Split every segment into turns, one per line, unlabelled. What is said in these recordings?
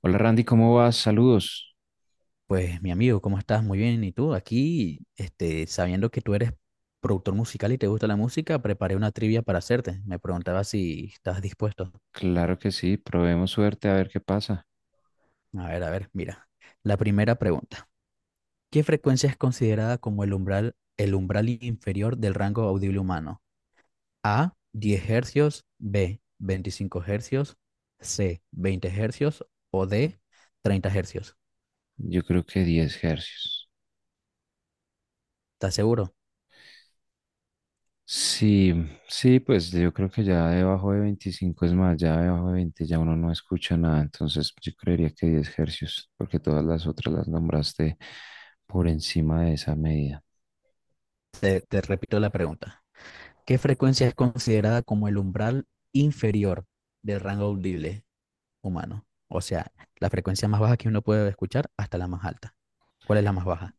Hola Randy, ¿cómo vas? Saludos.
Pues mi amigo, ¿cómo estás? Muy bien. ¿Y tú? Aquí, sabiendo que tú eres productor musical y te gusta la música, preparé una trivia para hacerte. Me preguntaba si estás dispuesto.
Claro que sí, probemos suerte a ver qué pasa.
A ver, mira. La primera pregunta. ¿Qué frecuencia es considerada como el umbral inferior del rango audible humano? A, 10 hercios, B, 25 hercios, C, 20 hercios o D, 30 hercios.
Yo creo que 10 hercios.
¿Estás seguro?
Sí, sí, pues yo creo que ya debajo de 25 es más, ya debajo de 20 ya uno no escucha nada, entonces yo creería que 10 hercios, porque todas las otras las nombraste por encima de esa medida.
Te repito la pregunta. ¿Qué frecuencia es considerada como el umbral inferior del rango audible humano? O sea, la frecuencia más baja que uno puede escuchar hasta la más alta. ¿Cuál es la más baja?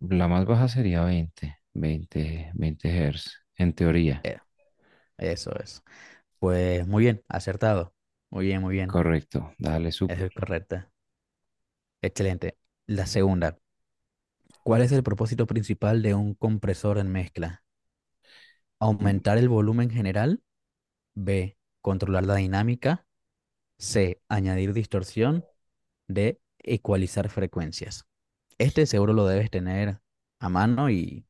La más baja sería 20, 20, 20 hertz, en teoría.
Eh, eso es. Pues muy bien, acertado. Muy bien, muy bien.
Correcto, dale,
Eso
súper.
es correcto. Excelente. La segunda. ¿Cuál es el propósito principal de un compresor en mezcla? ¿Aumentar el volumen general? B. Controlar la dinámica. C. Añadir distorsión. D. Ecualizar frecuencias. Este seguro lo debes tener a mano y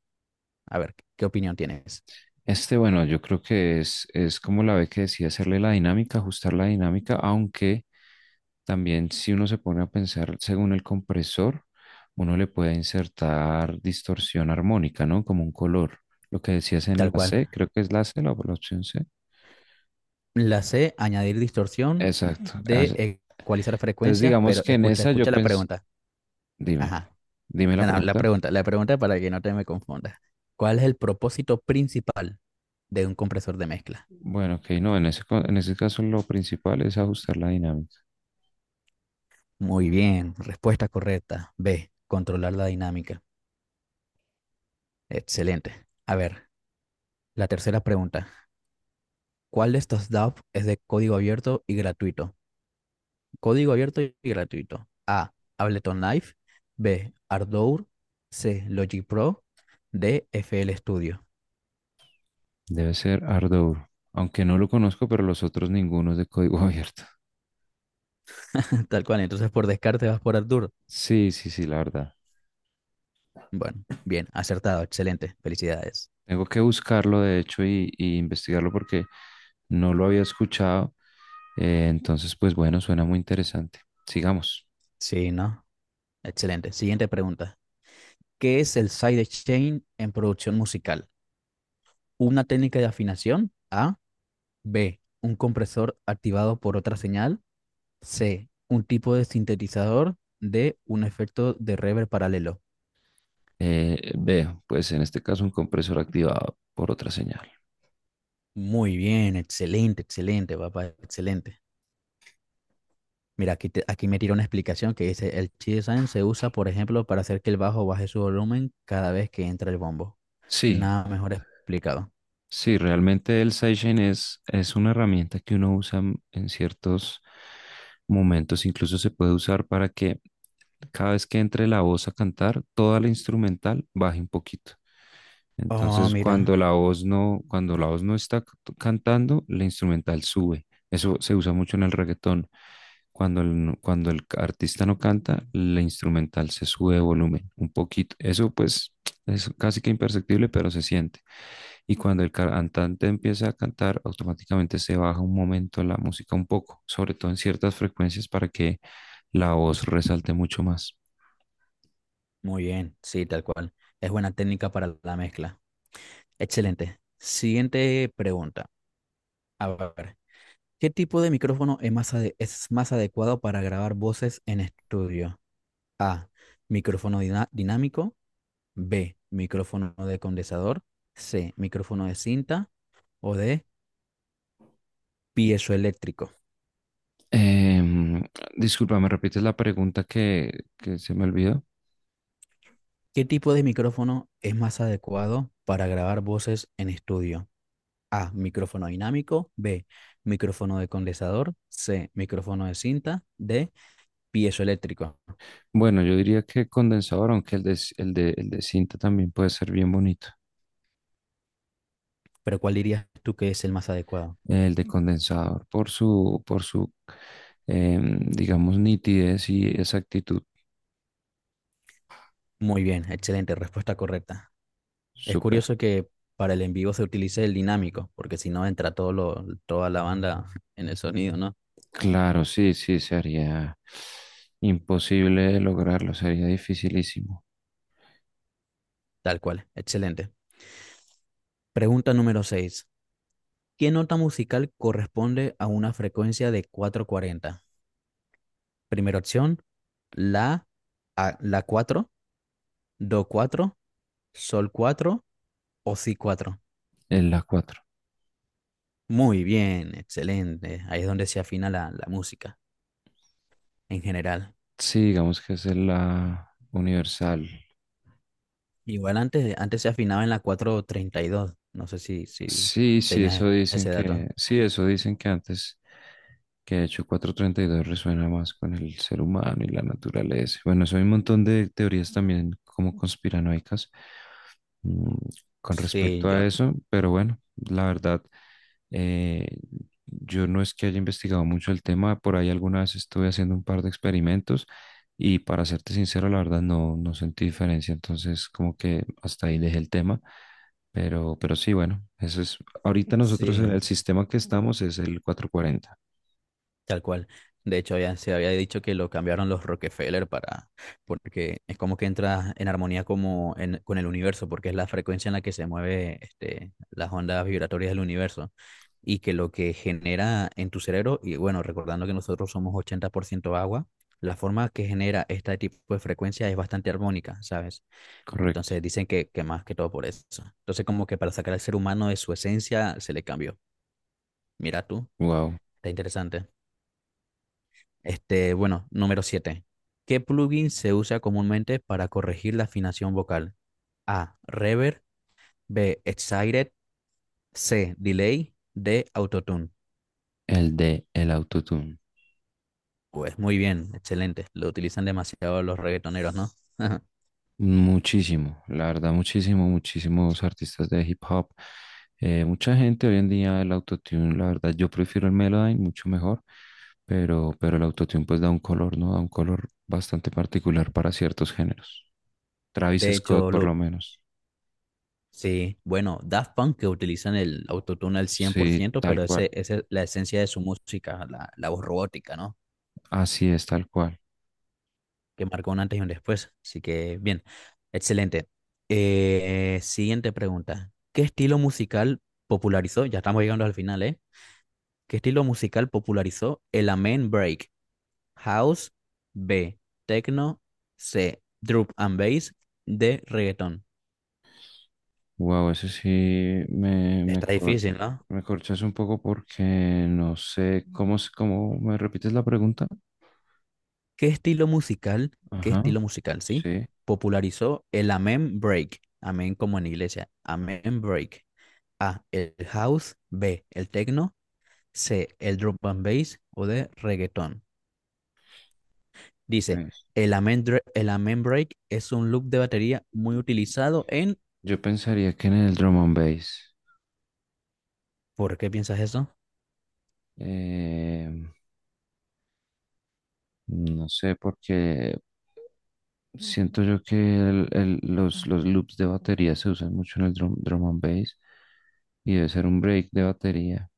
a ver qué opinión tienes.
Este, bueno, yo creo que es como la ve que decía, hacerle la dinámica, ajustar la dinámica, aunque también si uno se pone a pensar según el compresor, uno le puede insertar distorsión armónica, ¿no? Como un color. Lo que decías en
Tal
la
cual.
C, creo que es la C, la opción C.
La C, añadir distorsión
Exacto. Ah, ya.
de ecualizar
Entonces,
frecuencias,
digamos
pero
que en
escucha,
esa yo
escucha la
pensé,
pregunta.
dime,
Ajá.
dime
No,
la
no,
pregunta.
la pregunta para que no te me confundas. ¿Cuál es el propósito principal de un compresor de mezcla?
Bueno, ok, no, en ese caso lo principal es ajustar la dinámica.
Muy bien, respuesta correcta. B, controlar la dinámica. Excelente. A ver, la tercera pregunta. ¿Cuál de estos DAW es de código abierto y gratuito? Código abierto y gratuito. A. Ableton Live. B. Ardour. C. Logic Pro. D. FL Studio.
Debe ser Ardour, aunque no lo conozco, pero los otros ninguno es de código abierto.
Tal cual. Entonces, por descarte vas por Ardour.
Sí, sí, sí, la verdad.
Bueno, bien, acertado. Excelente. Felicidades.
Tengo que buscarlo, de hecho, y investigarlo porque no lo había escuchado. Entonces, pues bueno, suena muy interesante. Sigamos.
Sí, ¿no? Excelente. Siguiente pregunta. ¿Qué es el sidechain en producción musical? Una técnica de afinación. A. B. Un compresor activado por otra señal. C. Un tipo de sintetizador. D. Un efecto de reverb paralelo.
Veo, pues en este caso un compresor activado por otra señal.
Muy bien, excelente, excelente, papá, excelente. Mira, aquí, aquí me tira una explicación que dice, el chi design se usa, por ejemplo, para hacer que el bajo baje su volumen cada vez que entra el bombo.
Sí,
Nada mejor explicado.
sí, realmente el sidechain es una herramienta que uno usa en ciertos momentos, incluso se puede usar para que cada vez que entre la voz a cantar, toda la instrumental baja un poquito.
Oh,
Entonces,
mira,
cuando la voz no está cantando, la instrumental sube. Eso se usa mucho en el reggaetón. Cuando el artista no canta, la instrumental se sube de volumen un poquito. Eso pues es casi que imperceptible, pero se siente. Y cuando el cantante empieza a cantar, automáticamente se baja un momento la música un poco, sobre todo en ciertas frecuencias para que la voz resalte mucho más.
muy bien, sí, tal cual. Es buena técnica para la mezcla. Excelente. Siguiente pregunta. A ver, ¿qué tipo de micrófono es más adecuado para grabar voces en estudio? A, micrófono dinámico. B, micrófono de condensador. C, micrófono de cinta. O D, piezoeléctrico.
Em, Disculpa, ¿me repites la pregunta que se me olvidó?
¿Qué tipo de micrófono es más adecuado para grabar voces en estudio? A, micrófono dinámico. B, micrófono de condensador. C, micrófono de cinta. D, piezoeléctrico.
Bueno, yo diría que condensador, aunque el de, c- el de cinta también puede ser bien bonito.
Pero ¿cuál dirías tú que es el más adecuado?
El de condensador por su, digamos, nitidez y exactitud.
Muy bien, excelente, respuesta correcta. Es
Súper.
curioso que para el en vivo se utilice el dinámico, porque si no entra toda la banda en el sonido, ¿no?
Claro, sí, sí, sería imposible lograrlo, sería dificilísimo.
Tal cual, excelente. Pregunta número 6. ¿Qué nota musical corresponde a una frecuencia de 440? Primera opción, la, la 4, do 4, sol 4 o si cuatro.
En la 4.
Muy bien, excelente. Ahí es donde se afina la música en general.
Sí, digamos que es en la universal.
Igual antes se afinaba en la 432. No sé si
Sí, sí, eso
tenías
dicen
ese
que,
dato.
sí, eso dicen que antes, que de hecho 432 resuena más con el ser humano y la naturaleza. Bueno, eso hay un montón de teorías también como conspiranoicas, mm, con
Sí,
respecto
yo,
a eso, pero bueno, la verdad, eh, yo no es que haya investigado mucho el tema, por ahí alguna vez estuve haciendo un par de experimentos y para serte sincero, la verdad no, no sentí diferencia, entonces como que hasta ahí dejé el tema, pero sí, bueno, eso es, ahorita nosotros en el
sí.
sistema que estamos es el 440,
Tal cual. De hecho, ya se había dicho que lo cambiaron los Rockefeller para, porque es como que entra en armonía como con el universo, porque es la frecuencia en la que se mueve este, las ondas vibratorias del universo y que lo que genera en tu cerebro, y bueno, recordando que nosotros somos 80% agua, la forma que genera este tipo de frecuencia es bastante armónica, ¿sabes?
correcto.
Entonces dicen que más que todo por eso. Entonces como que para sacar al ser humano de su esencia se le cambió. Mira tú,
Wow,
está interesante. Bueno, número 7. ¿Qué plugin se usa comúnmente para corregir la afinación vocal? A. Reverb. B. Excited. C. Delay. D. Autotune.
el de el autotune.
Pues muy bien, excelente. Lo utilizan demasiado los reggaetoneros, ¿no?
Muchísimo, la verdad, muchísimo, muchísimos artistas de hip hop. Mucha gente hoy en día el autotune, la verdad, yo prefiero el Melodyne mucho mejor, pero el autotune pues da un color, ¿no? Da un color bastante particular para ciertos géneros. Travis
De
Scott,
hecho,
por lo menos.
sí. Bueno, Daft Punk que utilizan el autotune al cien por
Sí,
ciento,
tal
pero
cual.
esa es la esencia de su música, la voz robótica, ¿no?
Así es, tal cual.
Que marcó un antes y un después. Así que bien, excelente. Siguiente pregunta. ¿Qué estilo musical popularizó? Ya estamos llegando al final, ¿eh? ¿Qué estilo musical popularizó el Amen Break? House, B, Techno, C, Drop and Bass, D, Reggaeton.
Wow, ese sí me, me,
Está
cor-
difícil, ¿no?
me corchas un poco porque no sé cómo me repites la pregunta.
¿Qué estilo musical, qué
Ajá,
estilo musical, sí?
sí,
Popularizó el Amen Break. Amen como en iglesia. Amen Break. A, el house, B, el techno, C, el drum and bass o de reggaetón. Dice,
pues.
el amen break es un loop de batería muy utilizado en...
Yo pensaría que en el drum and bass,
¿Por qué piensas eso?
eh, no sé, porque siento yo que los loops de batería se usan mucho en el drum and bass y debe ser un break de batería.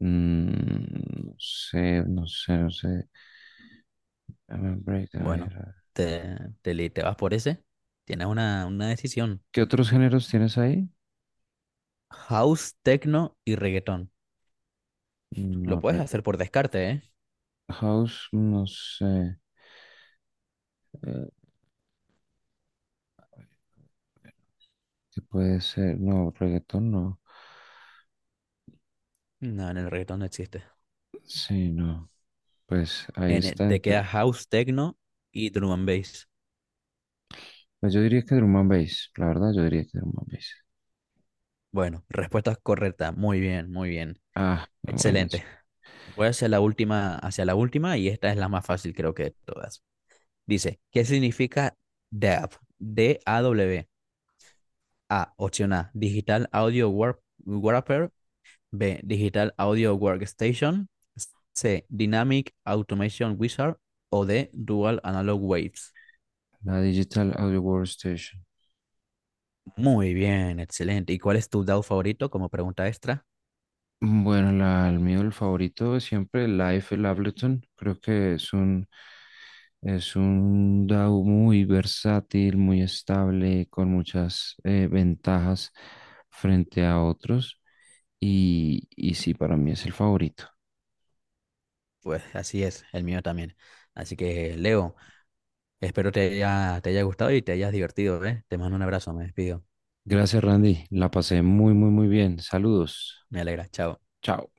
No sé, no sé, no sé. Dame un break, a ver.
Bueno,
A ver.
te, te vas por ese. Tienes una decisión.
¿Qué otros géneros tienes ahí?
House, techno y reggaetón. Lo
No,
puedes hacer por descarte, ¿eh?
house, no sé. eh, ¿Qué puede ser? No, reggaetón, no.
No, en el reggaetón no existe.
Sí, no. Pues ahí
En el-
está.
te queda house, techno y drum and bass.
Pues yo diría que Drum and Bass, la verdad, yo diría que Drum and Bass.
Bueno, respuesta correcta. Muy bien, muy bien.
Ah, bueno,
Excelente. Voy hacia la última y esta es la más fácil creo que de todas. Dice, ¿qué significa DAW? DAW. A, W. A, opción A, Digital Audio Wrapper. B, Digital Audio Workstation. C, Dynamic Automation Wizard. O D, Dual Analog Waves.
la Digital Audio Workstation.
Muy bien, excelente. ¿Y cuál es tu DAW favorito como pregunta extra?
Bueno, el mío, el favorito es siempre, el Live el Ableton. Creo que es un DAW muy versátil, muy estable, con muchas ventajas frente a otros. Y sí, para mí es el favorito.
Pues así es, el mío también. Así que, Leo, espero te haya gustado y te hayas divertido, ¿eh? Te mando un abrazo, me despido.
Gracias, Randy. La pasé muy, muy, muy bien. Saludos.
Me alegra, chao.
Chao.